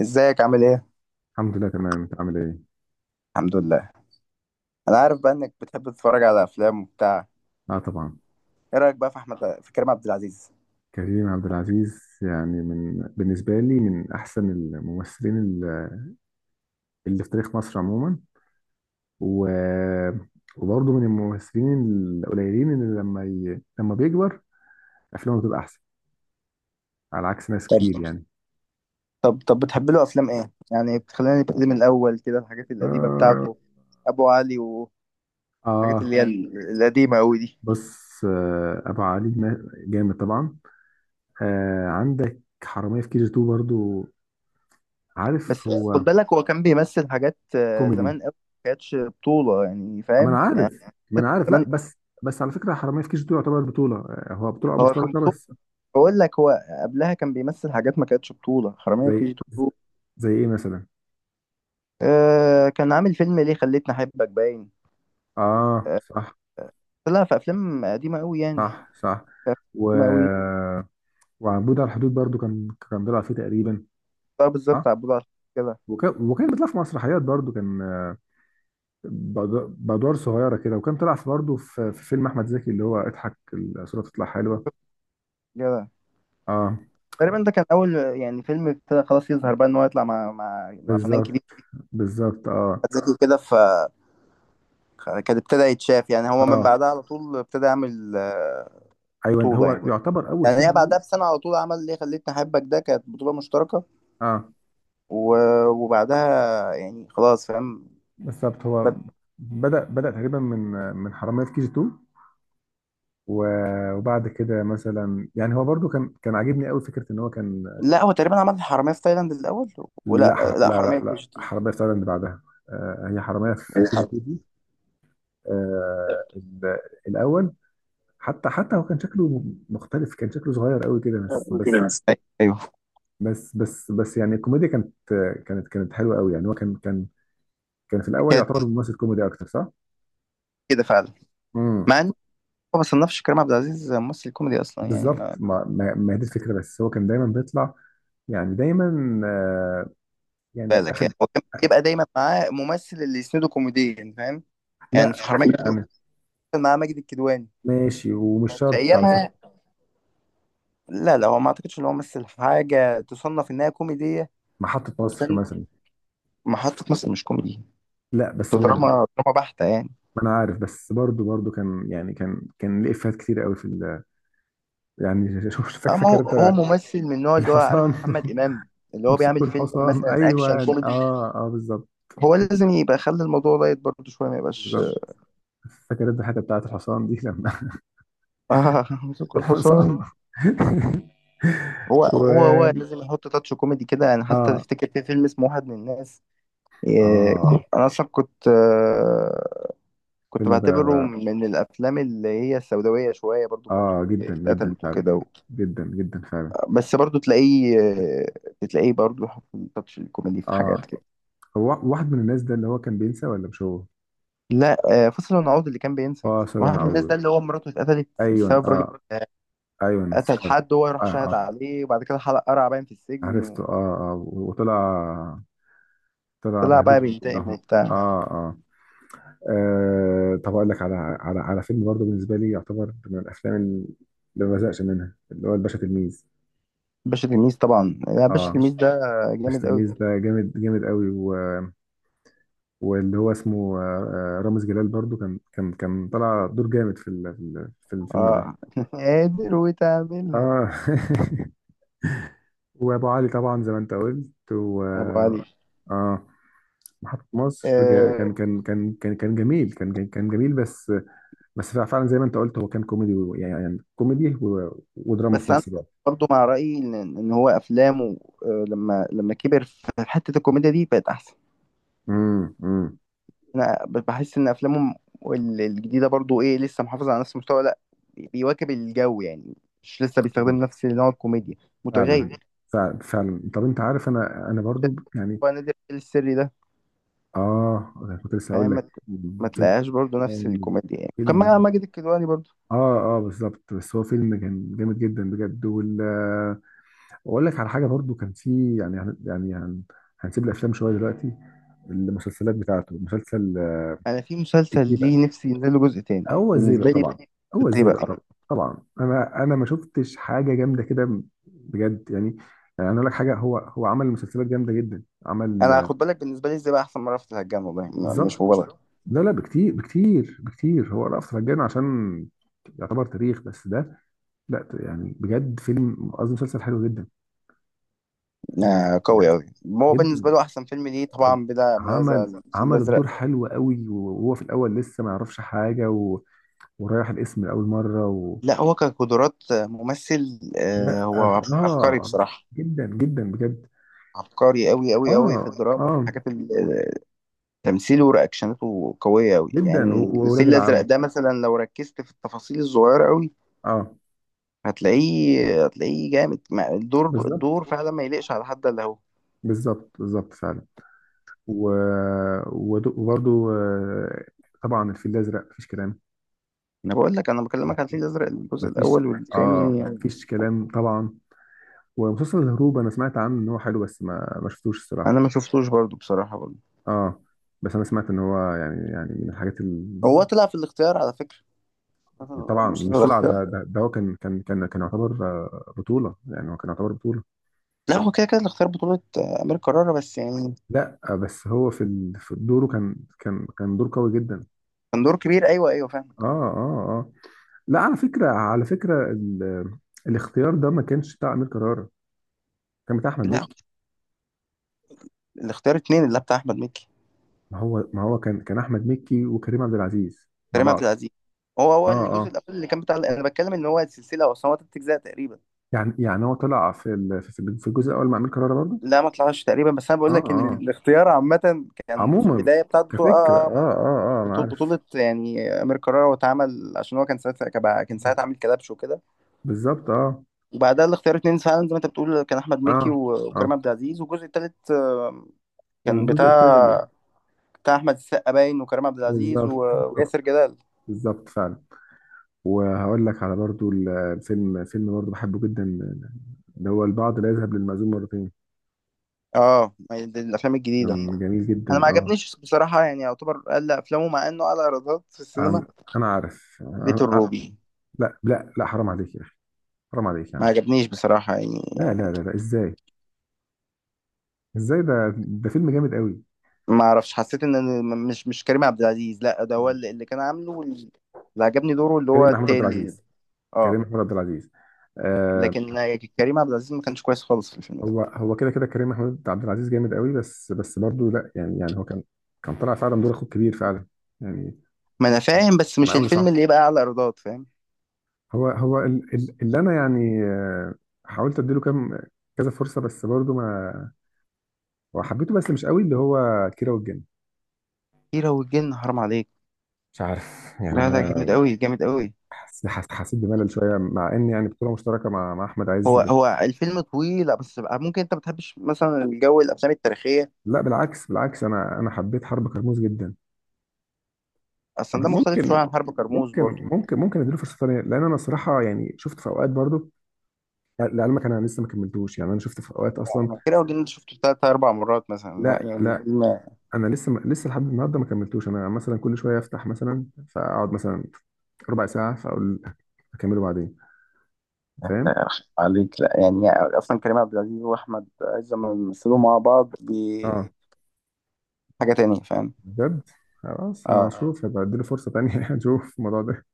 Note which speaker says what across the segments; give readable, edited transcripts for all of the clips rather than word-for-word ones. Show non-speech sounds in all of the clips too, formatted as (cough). Speaker 1: ازيك عامل ايه؟
Speaker 2: الحمد لله تمام، انت عامل ايه؟
Speaker 1: الحمد لله. انا عارف بقى انك بتحب تتفرج على افلام وبتاع.
Speaker 2: اه طبعا.
Speaker 1: ايه رايك بقى في احمد، في كريم عبد العزيز؟
Speaker 2: كريم عبد العزيز يعني بالنسبه لي من احسن الممثلين اللي في تاريخ مصر عموما. و وبرضه من الممثلين القليلين اللي لما بيكبر افلامه بتبقى احسن على عكس ناس
Speaker 1: طب
Speaker 2: كتير يعني.
Speaker 1: طب بتحب له افلام ايه؟ يعني بتخلينا نبتدي من الاول كده، الحاجات القديمه
Speaker 2: اه,
Speaker 1: بتاعته، ابو علي والحاجات
Speaker 2: آه
Speaker 1: اللي هي القديمه قوي دي.
Speaker 2: بص، ابو علي جامد طبعا. عندك حراميه في كي جي 2 برضه، عارف
Speaker 1: بس خد
Speaker 2: هو
Speaker 1: بالك، هو كان بيمثل حاجات
Speaker 2: كوميدي.
Speaker 1: زمان قوي ما كانتش بطوله، يعني
Speaker 2: ما
Speaker 1: فاهم
Speaker 2: انا
Speaker 1: يعني؟
Speaker 2: عارف. ما انا عارف، لا،
Speaker 1: زمان
Speaker 2: بس. بس على فكره حراميه في كيش دي تعتبر بطوله، هو بطوله
Speaker 1: هو كان
Speaker 2: مشتركه
Speaker 1: بطولة.
Speaker 2: بس.
Speaker 1: بقول لك هو قبلها كان بيمثل حاجات ما كانتش بطوله، حراميه في كي جي
Speaker 2: زي
Speaker 1: 2.
Speaker 2: زي ايه مثلا؟
Speaker 1: آه، كان عامل فيلم ليه خليتني احبك باين.
Speaker 2: اه، صح،
Speaker 1: لا في افلام قديمه قوي يعني،
Speaker 2: صح، صح.
Speaker 1: في افلام
Speaker 2: و
Speaker 1: قديمه قوي.
Speaker 2: وعنبود على الحدود برضو، كان بيلعب فيه تقريبا.
Speaker 1: طب
Speaker 2: اه.
Speaker 1: بالظبط عبود على كده
Speaker 2: وكان بيطلع في مسرحيات برضو، كان بادوار صغيره كده. وكان طلع في برضو في فيلم احمد زكي، اللي هو اضحك الصوره تطلع حلوه.
Speaker 1: كده.
Speaker 2: اه،
Speaker 1: تقريبا ده كان اول يعني فيلم ابتدى خلاص يظهر بقى ان هو يطلع مع مع فنان كبير،
Speaker 2: بالظبط. بالظبط، اه،
Speaker 1: زكي، كده. ف كان ابتدى يتشاف، يعني هو من
Speaker 2: اه.
Speaker 1: بعدها على طول ابتدى يعمل
Speaker 2: ايوه،
Speaker 1: بطوله
Speaker 2: هو
Speaker 1: يعني.
Speaker 2: يعتبر اول
Speaker 1: يعني
Speaker 2: فيلم
Speaker 1: هي بعدها
Speaker 2: ليه.
Speaker 1: بسنه على طول عمل ليه خليتني احبك، ده كانت بطوله مشتركه.
Speaker 2: اه،
Speaker 1: و... وبعدها يعني خلاص، فاهم؟
Speaker 2: بالظبط. هو
Speaker 1: بد...
Speaker 2: بدأ تقريبا من حرامية في كي جي 2، وبعد كده مثلا يعني هو برضو كان عاجبني قوي فكرة ان هو كان.
Speaker 1: لا هو تقريبا عمل حراميه في تايلاند الاول،
Speaker 2: لا،
Speaker 1: ولا
Speaker 2: لا،
Speaker 1: لا،
Speaker 2: لا،
Speaker 1: حراميه في كي
Speaker 2: لا،
Speaker 1: جي
Speaker 2: حرامية في تايلاند بعدها. هي حرامية في كي جي
Speaker 1: 2،
Speaker 2: 2 دي. آه، ال- الأول. حتى هو كان شكله مختلف، كان شكله صغير قوي كده، بس.
Speaker 1: الحرامية. ايوه
Speaker 2: بس يعني الكوميديا كانت كانت حلوة قوي، يعني هو كان كان في الأول
Speaker 1: كانت
Speaker 2: يعتبر ممثل كوميدي أكتر، صح؟
Speaker 1: كده فعلا، مع ان ما بصنفش كريم عبد العزيز ممثل كوميدي اصلا. يعني
Speaker 2: بالظبط.
Speaker 1: ما
Speaker 2: ما هي دي الفكره، بس هو كان دايما بيطلع، يعني دايما، يعني
Speaker 1: بالك،
Speaker 2: اخد.
Speaker 1: يعني هو كان بيبقى دايما معاه ممثل اللي يسنده كوميديا، فاهم؟ يعني
Speaker 2: لا،
Speaker 1: في حرامية في
Speaker 2: يعني
Speaker 1: كيجي كان معاه ماجد الكدواني
Speaker 2: ماشي، ومش
Speaker 1: في
Speaker 2: شرط على
Speaker 1: ايامها.
Speaker 2: فكره.
Speaker 1: لا لا، هو ما اعتقدش ان هو مثل حاجه تصنف انها كوميديه.
Speaker 2: محطه مصر
Speaker 1: وكان
Speaker 2: مثلا.
Speaker 1: محطه مصر مش كوميدي،
Speaker 2: لا، بس
Speaker 1: ده دراما،
Speaker 2: برضه.
Speaker 1: دراما بحته يعني.
Speaker 2: ما انا عارف، بس برضه كان، يعني كان ليه افيهات كتير قوي في ال، يعني (laughs) شوف.
Speaker 1: اما هو
Speaker 2: فاكر
Speaker 1: هو
Speaker 2: انت
Speaker 1: ممثل من النوع اللي هو
Speaker 2: الحصان.
Speaker 1: عارف محمد امام، اللي
Speaker 2: (laughs)
Speaker 1: هو بيعمل
Speaker 2: امسكوا
Speaker 1: فيلم
Speaker 2: الحصان،
Speaker 1: مثلا اكشن
Speaker 2: ايوه،
Speaker 1: كوميدي،
Speaker 2: اه، اه، بالظبط.
Speaker 1: هو لازم يبقى خلي الموضوع لايت برضه شويه، ما يبقاش.
Speaker 2: بالظبط، فاكر انت الحته بتاعت الحصان دي لما
Speaker 1: آه (laughs)
Speaker 2: (laughs)
Speaker 1: مسك الحصان.
Speaker 2: الحصان
Speaker 1: هو
Speaker 2: (laughs)
Speaker 1: هو
Speaker 2: و
Speaker 1: هو لازم يحط تاتش كوميدي كده يعني. حتى
Speaker 2: اه،
Speaker 1: تفتكر في فيلم اسمه واحد من الناس؟
Speaker 2: اه.
Speaker 1: انا اصلا كنت
Speaker 2: الفيلم ده.
Speaker 1: بعتبره من الافلام اللي هي السوداويه شويه، برضو مراته
Speaker 2: اه، جدا جدا
Speaker 1: اتقتلت
Speaker 2: فعلا.
Speaker 1: وكده
Speaker 2: جدا جدا فعلا.
Speaker 1: بس برضو تلاقيه برضو يحط تاتش الكوميدي في
Speaker 2: اه،
Speaker 1: حاجات كده.
Speaker 2: هو واحد من الناس ده اللي هو كان بينسى، ولا مش هو؟
Speaker 1: لا فصل ونعود اللي كان بينسى.
Speaker 2: اه، ثواني
Speaker 1: واحد من الناس ده
Speaker 2: اعوض.
Speaker 1: اللي هو مراته اتقتلت
Speaker 2: ايوه،
Speaker 1: بسبب راجل
Speaker 2: اه.
Speaker 1: آه،
Speaker 2: ايوه، أنا
Speaker 1: قتل
Speaker 2: افتكرت.
Speaker 1: حد، هو يروح
Speaker 2: اه،
Speaker 1: شاهد
Speaker 2: اه،
Speaker 1: عليه، وبعد كده حلق قرع باين في
Speaker 2: عرفته،
Speaker 1: السجن،
Speaker 2: اه، اه. وطلع طلع
Speaker 1: وطلع بقى
Speaker 2: بهدلني
Speaker 1: بينتقم
Speaker 2: كلهم.
Speaker 1: وبتاع.
Speaker 2: اه، اه. طب اقول لك على فيلم برضه بالنسبه لي يعتبر من الافلام اللي ما بزهقش منها، اللي هو الباشا تلميذ.
Speaker 1: باشا تلميذ طبعا، لا باشا
Speaker 2: اه.
Speaker 1: تلميذ ده
Speaker 2: الباشا
Speaker 1: جامد قوي.
Speaker 2: تلميذ ده جامد جامد قوي. واللي هو اسمه رامز جلال برضو كان طلع دور جامد في الفيلم ده.
Speaker 1: اه (laughs) قادر وتعملها.
Speaker 2: اه (laughs) وابو علي طبعا زي ما انت قلت.
Speaker 1: ابو علي.
Speaker 2: اه. محطة مصر،
Speaker 1: آه
Speaker 2: كان جميل، كان جميل بس. بس فعلا زي ما انت قلت، هو كان كوميدي، يعني كوميدي، ودراما
Speaker 1: بس
Speaker 2: في
Speaker 1: انا
Speaker 2: نفس الوقت.
Speaker 1: برضو مع رايي ان هو افلامه لما كبر في حته الكوميديا دي بقت احسن.
Speaker 2: امم، امم.
Speaker 1: انا بحس ان افلامه الجديده برضو ايه، لسه محافظه على نفس المستوى؟ لا، بيواكب الجو يعني، مش لسه بيستخدم نفس نوع الكوميديا، متغير.
Speaker 2: فعلا، فعلا، فعلا. طب انت عارف، انا برضو، يعني،
Speaker 1: هو نادر السري ده
Speaker 2: اه، كنت لسه
Speaker 1: فاهم،
Speaker 2: هقول لك.
Speaker 1: ما
Speaker 2: فيلم
Speaker 1: تلاقيهاش برضو نفس
Speaker 2: جامد.
Speaker 1: الكوميديا. يعني كان مع
Speaker 2: فيلم،
Speaker 1: ماجد الكدواني برضو.
Speaker 2: اه، اه، بالظبط. بس هو فيلم كان جامد جدا بجد. واقول لك على حاجه برضو كان في، يعني هنسيب الافلام شويه دلوقتي، المسلسلات بتاعته، مسلسل
Speaker 1: انا في مسلسل
Speaker 2: الزيبق.
Speaker 1: ليه نفسي ينزل له جزء تاني.
Speaker 2: هو الزيبق
Speaker 1: بالنسبه لي،
Speaker 2: طبعا. هو
Speaker 1: ازاي
Speaker 2: الزيبق
Speaker 1: بقى.
Speaker 2: طبعا، طبعا. انا ما شفتش حاجه جامده كده بجد، يعني. يعني، انا اقول لك حاجه، هو عمل مسلسلات جامده جدا. عمل.
Speaker 1: انا خد بالك، بالنسبه لي ازاي بقى احسن مره، في الهجان، والله مش
Speaker 2: بالظبط.
Speaker 1: مبالغه.
Speaker 2: لا، لا، بكتير، بكتير، بكتير. هو رأفت الهجان عشان يعتبر تاريخ بس ده. لا، يعني بجد فيلم، قصدي مسلسل، حلو جدا، يعني.
Speaker 1: آه قوي قوي. هو
Speaker 2: جدا،
Speaker 1: بالنسبه له احسن فيلم ليه طبعا بلا منازع
Speaker 2: عمل
Speaker 1: الفيل الازرق.
Speaker 2: الدور حلو قوي، وهو في الاول لسه ما يعرفش حاجه، ورايح الاسم لاول مره.
Speaker 1: لا هو كقدرات ممثل آه
Speaker 2: لا،
Speaker 1: هو عبقري
Speaker 2: اه،
Speaker 1: بصراحه،
Speaker 2: جدا جدا بجد.
Speaker 1: عبقري قوي قوي قوي في
Speaker 2: اه، اه،
Speaker 1: الدراما وفي حاجات تمثيله ورياكشناته قويه قوي.
Speaker 2: جدا.
Speaker 1: يعني
Speaker 2: واولاد
Speaker 1: الفيل الازرق
Speaker 2: العم.
Speaker 1: ده مثلا لو ركزت في التفاصيل الصغيره قوي
Speaker 2: اه،
Speaker 1: هتلاقيه جامد. الدور
Speaker 2: بالظبط،
Speaker 1: الدور فعلا ما يليقش على حد الا هو.
Speaker 2: بالظبط، بالظبط، فعلا. و... وبرضو، طبعا الفيل الازرق مفيش كلام.
Speaker 1: انا بقول لك، انا بكلمك على الفيل الازرق الجزء
Speaker 2: مفيش.
Speaker 1: الاول
Speaker 2: اه،
Speaker 1: والثاني.
Speaker 2: مفيش كلام طبعا. ومسلسل الهروب، انا سمعت عنه ان هو حلو، بس ما شفتوش الصراحه.
Speaker 1: انا ما شفتوش برضو بصراحه برضو.
Speaker 2: اه، بس انا سمعت ان هو، يعني من الحاجات
Speaker 1: هو طلع في الاختيار على فكره،
Speaker 2: طبعا،
Speaker 1: مسلسل اه
Speaker 2: مش طلع،
Speaker 1: الاختيار.
Speaker 2: ده هو كان يعتبر بطوله، يعني هو كان يعتبر بطوله.
Speaker 1: لا هو كده كده الاختيار بطوله امير كرارة بس يعني.
Speaker 2: لا، بس هو في دوره كان دور قوي جدا.
Speaker 1: كان دور كبير، ايوه ايوه
Speaker 2: اه،
Speaker 1: فاهمك.
Speaker 2: اه، اه. لا، على فكره، الاختيار ده ما كانش بتاع امير كرارة، كان بتاع احمد
Speaker 1: لا،
Speaker 2: مكي.
Speaker 1: الاختيار اتنين اللي بتاع احمد مكي.
Speaker 2: ما هو، كان احمد مكي وكريم عبد العزيز مع
Speaker 1: كريم
Speaker 2: بعض.
Speaker 1: عبد العزيز، هو هو
Speaker 2: اه،
Speaker 1: الجزء
Speaker 2: اه.
Speaker 1: الاول اللي كان بتاع، انا بتكلم ان هو السلسله اصلا هو تلات اجزاء تقريبا.
Speaker 2: يعني هو طلع في في الجزء الاول مع امير كرارة برضه.
Speaker 1: لا ما طلعش تقريبا، بس انا بقول
Speaker 2: اه،
Speaker 1: لك ان
Speaker 2: اه،
Speaker 1: الاختيار عامه كان في
Speaker 2: عموما
Speaker 1: البدايه بتاعت بطوله اه
Speaker 2: كفكرة،
Speaker 1: اه،
Speaker 2: اه، اه، اه، انا
Speaker 1: بطوله
Speaker 2: عارف.
Speaker 1: بطولة يعني امير كرارة، واتعمل عشان هو كان ساعتها، كان ساعتها عامل كلبش وكده.
Speaker 2: بالظبط، اه.
Speaker 1: وبعدها الاختيار اتنين فعلا زي ما انت بتقول كان احمد
Speaker 2: اه،
Speaker 1: مكي
Speaker 2: اه.
Speaker 1: وكريم عبد العزيز، والجزء التالت كان
Speaker 2: والجزء الثاني.
Speaker 1: بتاع، بتاع احمد السقا باين وكريم عبد العزيز
Speaker 2: بالظبط،
Speaker 1: وياسر جلال.
Speaker 2: بالظبط، فعلا. وهقول لك على برضو فيلم برضو بحبه جدا، اللي هو البعض لا يذهب للمأذون مرتين.
Speaker 1: اه ما هي دي الافلام الجديده.
Speaker 2: كان جميل
Speaker 1: انا
Speaker 2: جدا،
Speaker 1: ما
Speaker 2: اه.
Speaker 1: عجبنيش بصراحه، يعني يعتبر اقل افلامه مع انه اعلى ايرادات في السينما.
Speaker 2: أم- انا عارف،
Speaker 1: بيت
Speaker 2: أنا.
Speaker 1: الروبي
Speaker 2: لا، لا، لا، حرام عليك يا اخي. حرام عليك يا
Speaker 1: ما
Speaker 2: عم.
Speaker 1: عجبنيش بصراحه يعني.
Speaker 2: لا، لا، لا، لا، ازاي؟ ازاي ده؟ ده فيلم جامد قوي.
Speaker 1: ما اعرفش، حسيت ان مش مش كريم عبد العزيز، لا ده هو اللي كان عامله، اللي عجبني دوره اللي هو
Speaker 2: كريم محمود عبد
Speaker 1: التاني.
Speaker 2: العزيز. كريم
Speaker 1: اه.
Speaker 2: محمود عبد العزيز، آه،
Speaker 1: لكن كريم عبد العزيز ما كانش كويس خالص في الفيلم ده.
Speaker 2: هو، كده كده، كريم محمود عبد العزيز جامد قوي، بس برضه، لا يعني هو كان كان طلع فعلا دور اخوه الكبير فعلا يعني.
Speaker 1: ما انا فاهم، بس
Speaker 2: كان
Speaker 1: مش
Speaker 2: عامله.
Speaker 1: الفيلم
Speaker 2: صح،
Speaker 1: اللي يبقى اعلى ايرادات، فاهم؟
Speaker 2: هو اللي انا يعني، حاولت اديله كذا فرصه، بس برضه ما وحبيته بس مش قوي، اللي هو كيرة والجن.
Speaker 1: كيرة والجن حرام عليك.
Speaker 2: مش عارف (laughs) يعني
Speaker 1: لا لا (laughs) جامد
Speaker 2: انا
Speaker 1: قوي جامد قوي.
Speaker 2: حسيت بملل شويه، مع ان يعني بطوله مشتركه مع احمد عز
Speaker 1: هو هو
Speaker 2: بس.
Speaker 1: الفيلم طويل، لا بس بقى ممكن انت ما بتحبش مثلا الجو، الافلام التاريخيه؟
Speaker 2: لا، بالعكس، بالعكس. انا حبيت حرب كرموز جدا.
Speaker 1: اصلا ده مختلف شويه
Speaker 2: ممكن،
Speaker 1: عن حرب كرموز
Speaker 2: ممكن.
Speaker 1: برضو.
Speaker 2: ممكن اديله فرصه ثانيه، لان انا صراحه يعني شفت في اوقات برضه. لعلمك، انا لسه ما كملتوش، يعني انا شفت في اوقات اصلا.
Speaker 1: انا كيرة والجن ده شفته ثلاث اربع مرات مثلا، لا
Speaker 2: لا،
Speaker 1: يعني
Speaker 2: لا.
Speaker 1: فيلم
Speaker 2: انا لسه ما لسه لحد النهارده ما كملتوش، انا مثلا كل شويه افتح مثلا، فاقعد مثلا ربع ساعه فاقول اكمله بعدين. فاهم؟
Speaker 1: آه، عليك، لا يعني. اصلا كريم عبد العزيز واحمد عز لما بيمثلوا مع بعض دي
Speaker 2: اه،
Speaker 1: حاجه تانية، فاهم؟
Speaker 2: بجد، خلاص. انا
Speaker 1: اه.
Speaker 2: هشوف، هبقى اديله فرصه تانية (laughs) اشوف الموضوع ده.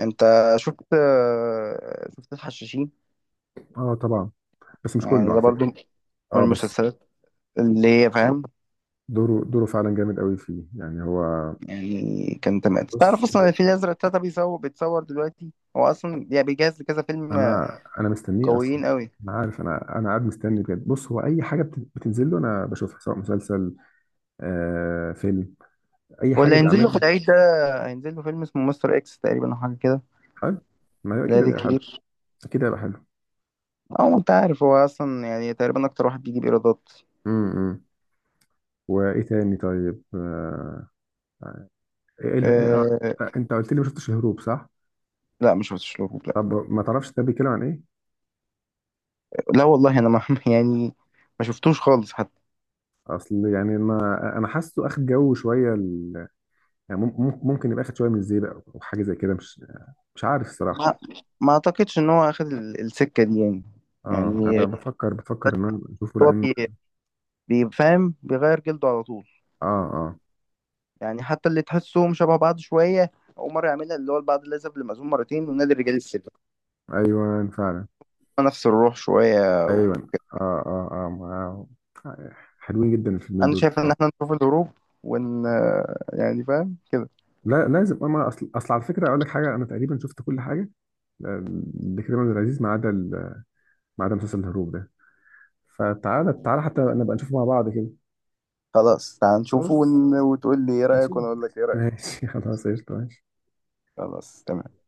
Speaker 1: انت شفت الحشاشين؟
Speaker 2: اه، طبعا، بس مش كله
Speaker 1: يعني ده
Speaker 2: على
Speaker 1: برضو
Speaker 2: فكره.
Speaker 1: من
Speaker 2: اه، بس
Speaker 1: المسلسلات اللي هي فاهم،
Speaker 2: دوره فعلا جامد قوي فيه، يعني هو.
Speaker 1: يعني كان تمام. تعرف
Speaker 2: بص،
Speaker 1: اصلا ان
Speaker 2: هو-.
Speaker 1: الفيل الازرق تلاته بيصور، بيتصور دلوقتي؟ هو اصلا يعني بيجهز لكذا فيلم
Speaker 2: انا مستنيه اصلا.
Speaker 1: قويين قوي.
Speaker 2: انا عارف، انا قاعد مستني بجد. بص، هو اي حاجه بتنزل له انا بشوفها، سواء مسلسل، فيلم، اي
Speaker 1: واللي
Speaker 2: حاجه
Speaker 1: هينزل له في
Speaker 2: بيعملها.
Speaker 1: العيد ده هينزل له فيلم اسمه مستر اكس تقريبا او حاجه كده.
Speaker 2: حلو. ما هي
Speaker 1: لا
Speaker 2: اكيد
Speaker 1: ذي
Speaker 2: هيبقى حلو.
Speaker 1: كتير.
Speaker 2: اكيد هيبقى حلو.
Speaker 1: او انت عارف هو اصلا يعني تقريبا اكتر واحد بيجيب ايرادات.
Speaker 2: امم، إمم. وايه تاني طيب، إيه، إيه، إيه،
Speaker 1: أه.
Speaker 2: انت قلت لي ما شفتش الهروب، صح؟
Speaker 1: لا مش شفتش له لا.
Speaker 2: طب ما تعرفش ده بيتكلم عن ايه؟
Speaker 1: لا والله انا ما (laughs) يعني ما شفتوش خالص حتى.
Speaker 2: اصل يعني ما انا حاسه اخد جو شويه يعني، ممكن يبقى اخد شويه من الزيبق او حاجه زي كده، مش عارف الصراحه.
Speaker 1: ما ما اعتقدش ان هو اخد السكه دي يعني.
Speaker 2: اه، انا
Speaker 1: يعني
Speaker 2: بفكر ان انا اشوفه
Speaker 1: هو
Speaker 2: لان،
Speaker 1: بي- بيفهم، بيغير جلده على طول.
Speaker 2: اه، اه،
Speaker 1: يعني حتى اللي تحسهم شبه بعض شوية، أول مرة يعملها، اللي هو البعض الأذهب للمأذون مرتين ونادي الرجال السلبي،
Speaker 2: ايوه فعلا.
Speaker 1: نفس الروح شوية.
Speaker 2: ايوه، اه، اه، اه. ما- حلوين جدا الفيلمين
Speaker 1: أنا
Speaker 2: دول.
Speaker 1: شايف إن إحنا نشوف الهروب ون يعني فاهم كده.
Speaker 2: لا، لازم. اما اصل، على فكره اقول لك حاجه، انا تقريبا شفت كل حاجه، آه، لكريم عبد العزيز، ما عدا مسلسل الهروب ده. فتعالى، تعالى، حتى نبقى نشوفه مع بعض كده.
Speaker 1: خلاص تعال نشوفه
Speaker 2: بص،
Speaker 1: وتقول لي إيه رأيك
Speaker 2: نشوف.
Speaker 1: وأنا أقول لك إيه رأيك.
Speaker 2: ماشي (laughs) خلاص، قشطه، ماشي.
Speaker 1: خلاص تمام.